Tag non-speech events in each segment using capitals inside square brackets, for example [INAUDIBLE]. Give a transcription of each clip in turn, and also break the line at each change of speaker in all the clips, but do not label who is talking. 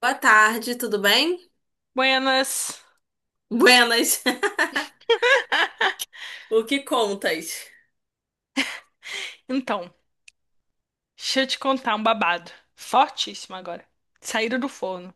Boa tarde, tudo bem?
Buenas.
Buenas. [LAUGHS] O que contas?
Então, deixa eu te contar um babado. Fortíssimo agora. Saíram do forno.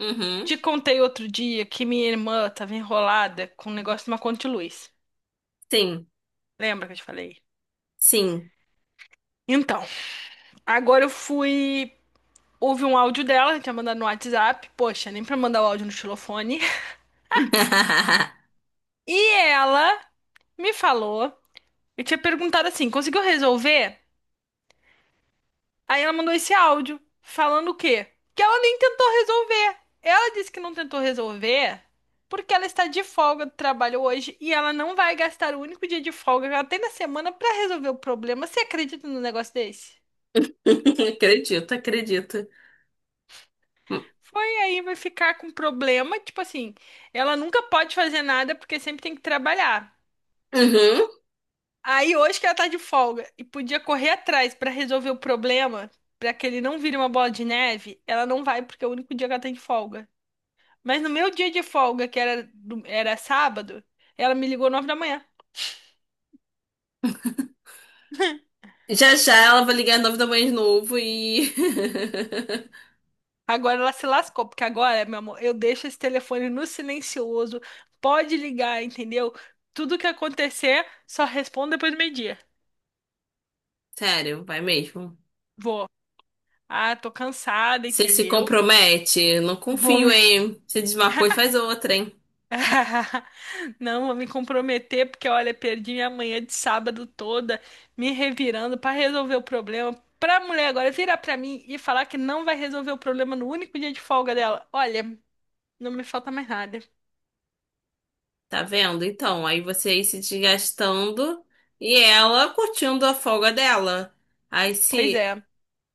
Uhum.
Te contei outro dia que minha irmã tava enrolada com um negócio de uma conta de luz.
Sim,
Lembra que eu te falei?
sim.
Então, agora eu fui. Houve um áudio dela, tinha mandado no WhatsApp. Poxa, nem pra mandar o áudio no xilofone.
[LAUGHS]
E ela me falou. Eu tinha perguntado assim: conseguiu resolver? Aí ela mandou esse áudio falando o quê? Que ela nem tentou resolver. Ela disse que não tentou resolver porque ela está de folga do trabalho hoje e ela não vai gastar o único dia de folga que ela tem na semana para resolver o problema. Você acredita num negócio desse?
Acredito, acredito.
Foi aí, vai ficar com problema. Tipo assim, ela nunca pode fazer nada porque sempre tem que trabalhar.
Uhum.
Aí hoje que ela tá de folga e podia correr atrás para resolver o problema, para que ele não vire uma bola de neve, ela não vai porque é o único dia que ela tem de folga. Mas no meu dia de folga, que era, era sábado, ela me ligou 9 da manhã. [LAUGHS]
Já já ela vai ligar nove da manhã de novo e.
Agora ela se lascou, porque agora, meu amor, eu deixo esse telefone no silencioso. Pode ligar, entendeu? Tudo que acontecer, só respondo depois do meio-dia.
[LAUGHS] Sério, vai mesmo.
Vou. Ah, tô cansada,
Você se
entendeu?
compromete, não
Vou.
confio, hein? Você diz uma coisa, faz outra, hein?
[LAUGHS] Não, vou me comprometer porque, olha, perdi minha manhã de sábado toda me revirando pra resolver o problema. Pra mulher agora virar pra mim e falar que não vai resolver o problema no único dia de folga dela. Olha, não me falta mais nada.
Tá vendo? Então, aí você aí se desgastando e ela curtindo a folga dela. Aí
Pois
se
é,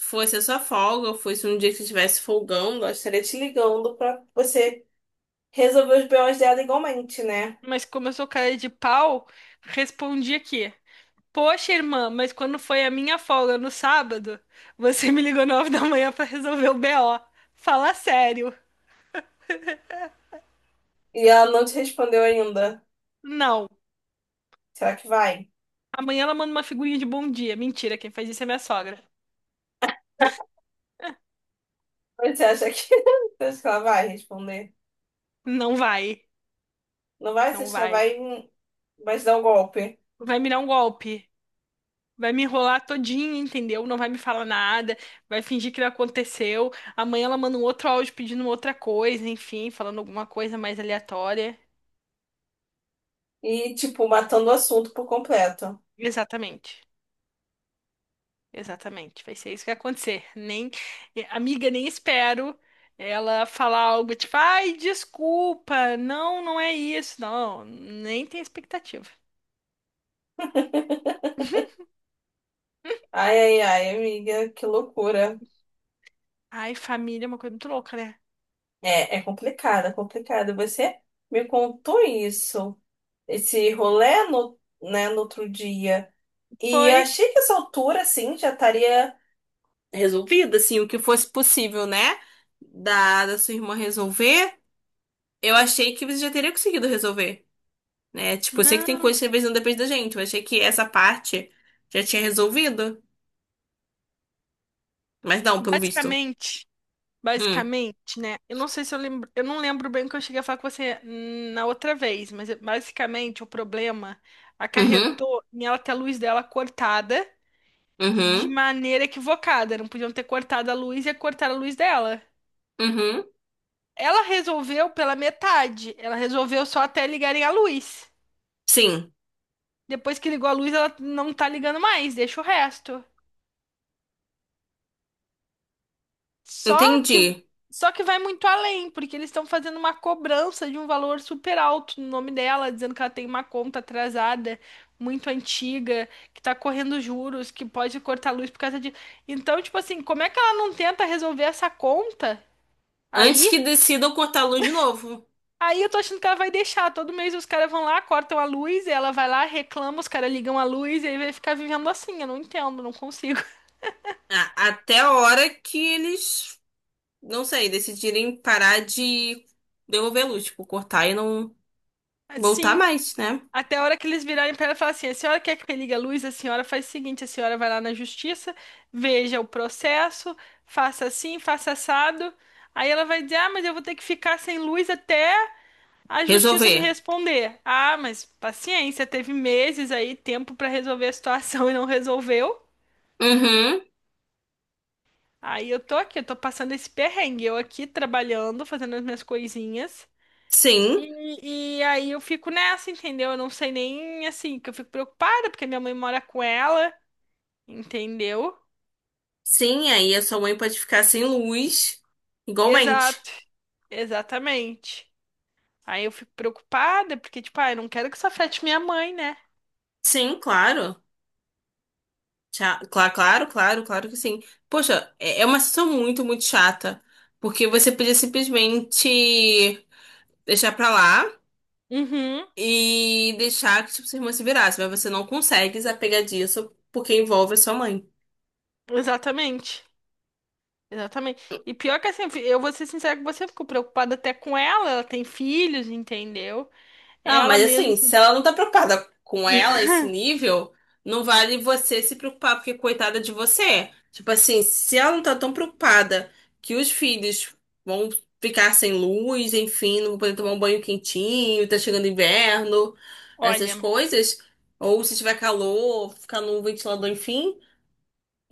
fosse a sua folga, ou fosse um dia que você estivesse folgando, ela estaria te ligando pra você resolver os BOs dela igualmente, né?
mas como eu sou cara de pau, respondi aqui. Poxa, irmã, mas quando foi a minha folga no sábado, você me ligou 9 da manhã pra resolver o BO. Fala sério.
E ela não te respondeu ainda.
Não.
Será que vai?
Amanhã ela manda uma figurinha de bom dia. Mentira, quem faz isso é minha sogra.
Mas você acha que, [LAUGHS] você acha que ela vai responder?
Não vai,
Não vai? Você
não
acha que ela
vai.
vai, vai te dar um golpe?
Vai me dar um golpe. Vai me enrolar todinha, entendeu? Não vai me falar nada, vai fingir que não aconteceu. Amanhã ela manda um outro áudio pedindo outra coisa, enfim, falando alguma coisa mais aleatória.
E, tipo, matando o assunto por completo.
Exatamente, exatamente. Vai ser isso que vai acontecer. Nem, amiga, nem espero ela falar algo tipo, ai, desculpa, não, não é isso. Não, nem tem expectativa.
Ai, ai, ai, amiga, que loucura.
Ai, família é uma coisa muito louca, né?
É, é complicado, é complicado. Você me contou isso, esse rolê no, né, no outro dia. E eu
Foi.
achei que essa altura, assim, já estaria resolvida, assim, o que fosse possível, né? Da sua irmã resolver, eu achei que você já teria conseguido resolver, né? Tipo, eu sei que tem
Não,
coisas que às vezes não depende da gente, eu achei que essa parte já tinha resolvido, mas não, pelo visto.
basicamente.
Hum.
Basicamente, né? Eu não sei se eu lembro, eu não lembro bem o que eu cheguei a falar com você na outra vez, mas basicamente o problema
Uhum,
acarretou em ela ter a luz dela cortada de
uhum,
maneira equivocada. Não podiam ter cortado a luz e cortar a luz dela.
uhum.
Ela resolveu pela metade. Ela resolveu só até ligarem a luz.
Sim,
Depois que ligou a luz, ela não tá ligando mais, deixa o resto. Só que
entendi.
só que vai muito além, porque eles estão fazendo uma cobrança de um valor super alto no nome dela, dizendo que ela tem uma conta atrasada, muito antiga, que tá correndo juros, que pode cortar a luz por causa de. Então, tipo assim, como é que ela não tenta resolver essa conta?
Antes
Aí,
que decidam cortar a luz de novo.
aí eu tô achando que ela vai deixar. Todo mês os caras vão lá, cortam a luz, e ela vai lá, reclama, os caras ligam a luz, e aí vai ficar vivendo assim. Eu não entendo, não consigo. [LAUGHS]
Até a hora que eles, não sei, decidirem parar de devolver a luz, tipo, cortar e não. Voltar
Assim,
mais, né?
até a hora que eles virarem pra ela e falar assim: a senhora quer que religue a luz? A senhora faz o seguinte: a senhora vai lá na justiça, veja o processo, faça assim, faça assado. Aí ela vai dizer: ah, mas eu vou ter que ficar sem luz até a justiça me
Resolver.
responder. Ah, mas paciência, teve meses aí, tempo pra resolver a situação [LAUGHS] e não resolveu.
Uhum.
Aí eu tô aqui, eu tô passando esse perrengue, eu aqui trabalhando, fazendo as minhas coisinhas.
Sim.
E aí eu fico nessa, entendeu? Eu não sei nem assim, que eu fico preocupada, porque minha mãe mora com ela. Entendeu?
Sim, aí a sua mãe pode ficar sem luz, igualmente.
Exato, exatamente. Aí eu fico preocupada porque, tipo, ah, eu não quero que isso afete minha mãe, né?
Sim, claro. Claro, claro, claro, claro que sim. Poxa, é é uma situação muito, muito chata. Porque você podia simplesmente deixar pra lá
Uhum,
e deixar que tipo, sua irmã se virasse, mas você não consegue desapegar disso porque envolve a sua mãe.
exatamente. Exatamente. E pior que assim, eu vou ser sincera com você, eu fico preocupada até com ela, ela tem filhos, entendeu?
Ah,
Ela
mas
mesma,
assim, se ela não tá preocupada com ela, esse nível, não vale você se preocupar, porque coitada de você. Tipo assim, se ela não tá tão preocupada que os filhos vão ficar sem luz, enfim, não vão poder tomar um banho quentinho, tá chegando inverno, essas
olha,
coisas, ou se tiver calor, ficar num ventilador, enfim,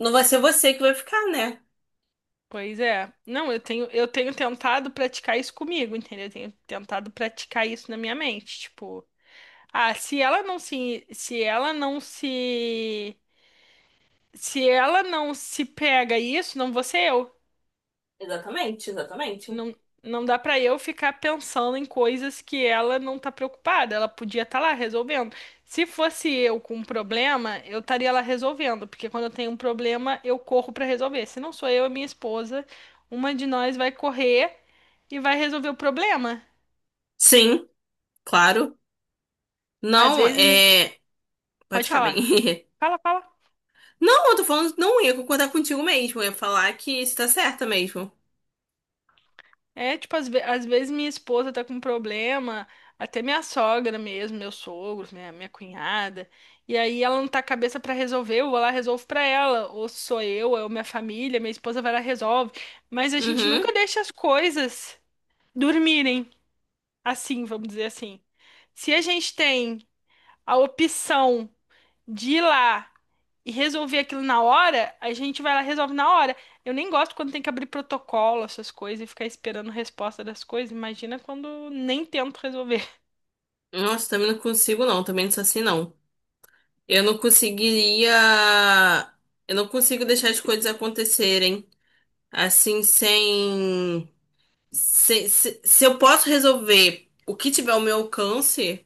não vai ser você que vai ficar, né?
pois é. Não, eu tenho tentado praticar isso comigo, entendeu? Eu tenho tentado praticar isso na minha mente, tipo, ah, se ela não se pega isso, não vou ser eu.
Exatamente, exatamente.
Não, não dá pra eu ficar pensando em coisas que ela não tá preocupada. Ela podia estar lá resolvendo. Se fosse eu com um problema, eu estaria lá resolvendo, porque quando eu tenho um problema, eu corro pra resolver. Se não sou eu, é minha esposa, uma de nós vai correr e vai resolver o problema.
Sim, claro.
Às
Não,
vezes me...
é. Pode
Pode
falar
falar.
bem. [LAUGHS]
Fala, fala.
Não, eu tô falando, não ia concordar contigo mesmo. Eu ia falar que isso tá certa mesmo.
É, tipo, às vezes minha esposa tá com problema, até minha sogra mesmo, meus sogros, minha cunhada, e aí ela não tá com a cabeça pra resolver, eu vou lá, resolvo pra ela, ou sou eu, ou minha família, minha esposa vai lá, e resolve. Mas a gente
Uhum.
nunca deixa as coisas dormirem assim, vamos dizer assim. Se a gente tem a opção de ir lá e resolver aquilo na hora, a gente vai lá e resolve na hora. Eu nem gosto quando tem que abrir protocolo, essas coisas, e ficar esperando resposta das coisas. Imagina quando nem tento resolver.
Nossa, também não consigo, não. Também não sou assim, não. Eu não conseguiria. Eu não consigo deixar as coisas acontecerem assim, sem. Se eu posso resolver o que tiver ao meu alcance.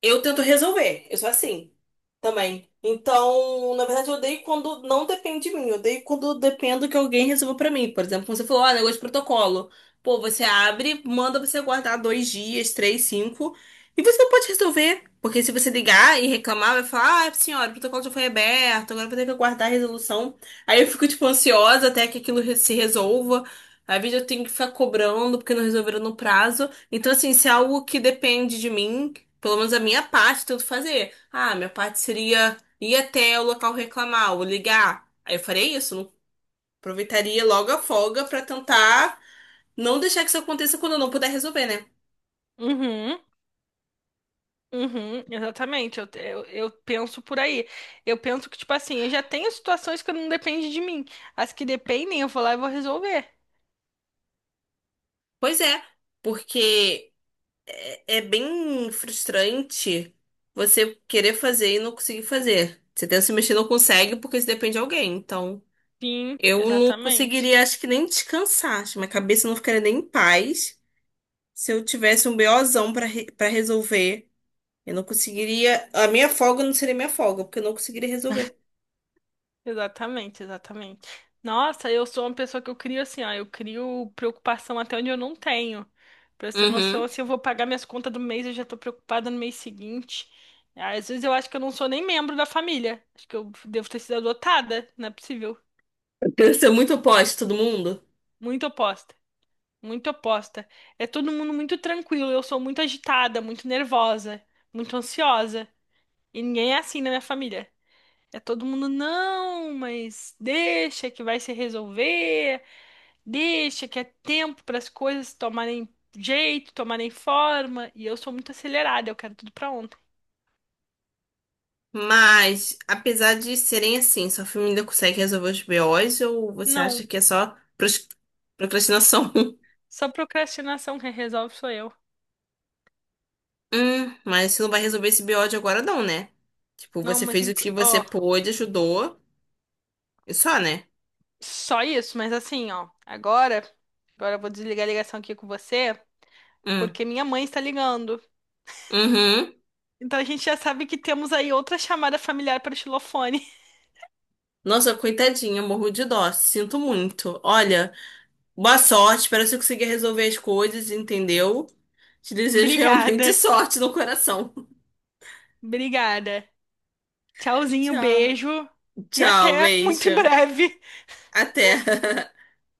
Eu tento resolver, eu sou assim também. Então, na verdade, eu odeio quando não depende de mim, eu odeio quando dependo que alguém resolva pra mim. Por exemplo, quando você falou, ah, negócio de protocolo. Pô, você abre, manda você guardar dois dias, três, cinco, e você não pode resolver. Porque se você ligar e reclamar, vai falar, ah, senhora, o protocolo já foi aberto, agora eu vou ter que aguardar a resolução. Aí eu fico, tipo, ansiosa até que aquilo se resolva. Às vezes eu tenho que ficar cobrando porque não resolveram no prazo. Então, assim, se é algo que depende de mim, pelo menos a minha parte, tento fazer. Ah, minha parte seria ir até o local reclamar ou ligar. Aí eu faria isso, aproveitaria logo a folga pra tentar não deixar que isso aconteça quando eu não puder resolver, né?
Uhum. Uhum, exatamente, eu penso por aí. Eu penso que, tipo assim, eu já tenho situações que não dependem de mim. As que dependem, eu vou lá e vou resolver.
Pois é, porque é, é bem frustrante você querer fazer e não conseguir fazer. Você tenta se mexer e não consegue porque isso depende de alguém. Então,
Sim,
eu não
exatamente.
conseguiria, acho que nem descansar. Acho que minha cabeça não ficaria nem em paz se eu tivesse um BOzão pra para resolver. Eu não conseguiria. A minha folga não seria minha folga, porque eu não conseguiria resolver.
Exatamente, exatamente. Nossa, eu sou uma pessoa que eu crio assim, ó, eu crio preocupação até onde eu não tenho. Pra você ter noção,
Uhum.
assim, eu vou pagar minhas contas do mês, eu já tô preocupada no mês seguinte. Às vezes eu acho que eu não sou nem membro da família. Acho que eu devo ter sido adotada, não é possível.
Eu queria ser muito oposta de todo mundo.
Muito oposta, muito oposta. É todo mundo muito tranquilo, eu sou muito agitada, muito nervosa, muito ansiosa. E ninguém é assim na minha família. É todo mundo, não, mas deixa que vai se resolver. Deixa que é tempo para as coisas tomarem jeito, tomarem forma, e eu sou muito acelerada, eu quero tudo pra ontem.
Mas, apesar de serem assim, sua família ainda consegue resolver os BOs ou você
Não,
acha que é só procrastinação? [LAUGHS]
só procrastinação quem resolve sou eu.
Mas você não vai resolver esse BO de agora não, né? Tipo,
Não,
você
mas
fez o que você
ó,
pôde, ajudou e só, né?
só isso, mas assim, ó, agora, agora eu vou desligar a ligação aqui com você,
Hum.
porque minha mãe está ligando.
Uhum.
Então a gente já sabe que temos aí outra chamada familiar para o xilofone. [LAUGHS]
Nossa, coitadinha, morro de dó, sinto muito. Olha, boa sorte, espero que você consiga resolver as coisas, entendeu? Te desejo realmente [LAUGHS]
Obrigada.
sorte no coração.
Obrigada. Tchauzinho,
Tchau,
beijo e
tchau,
até muito
beijo.
em breve.
Até. [LAUGHS]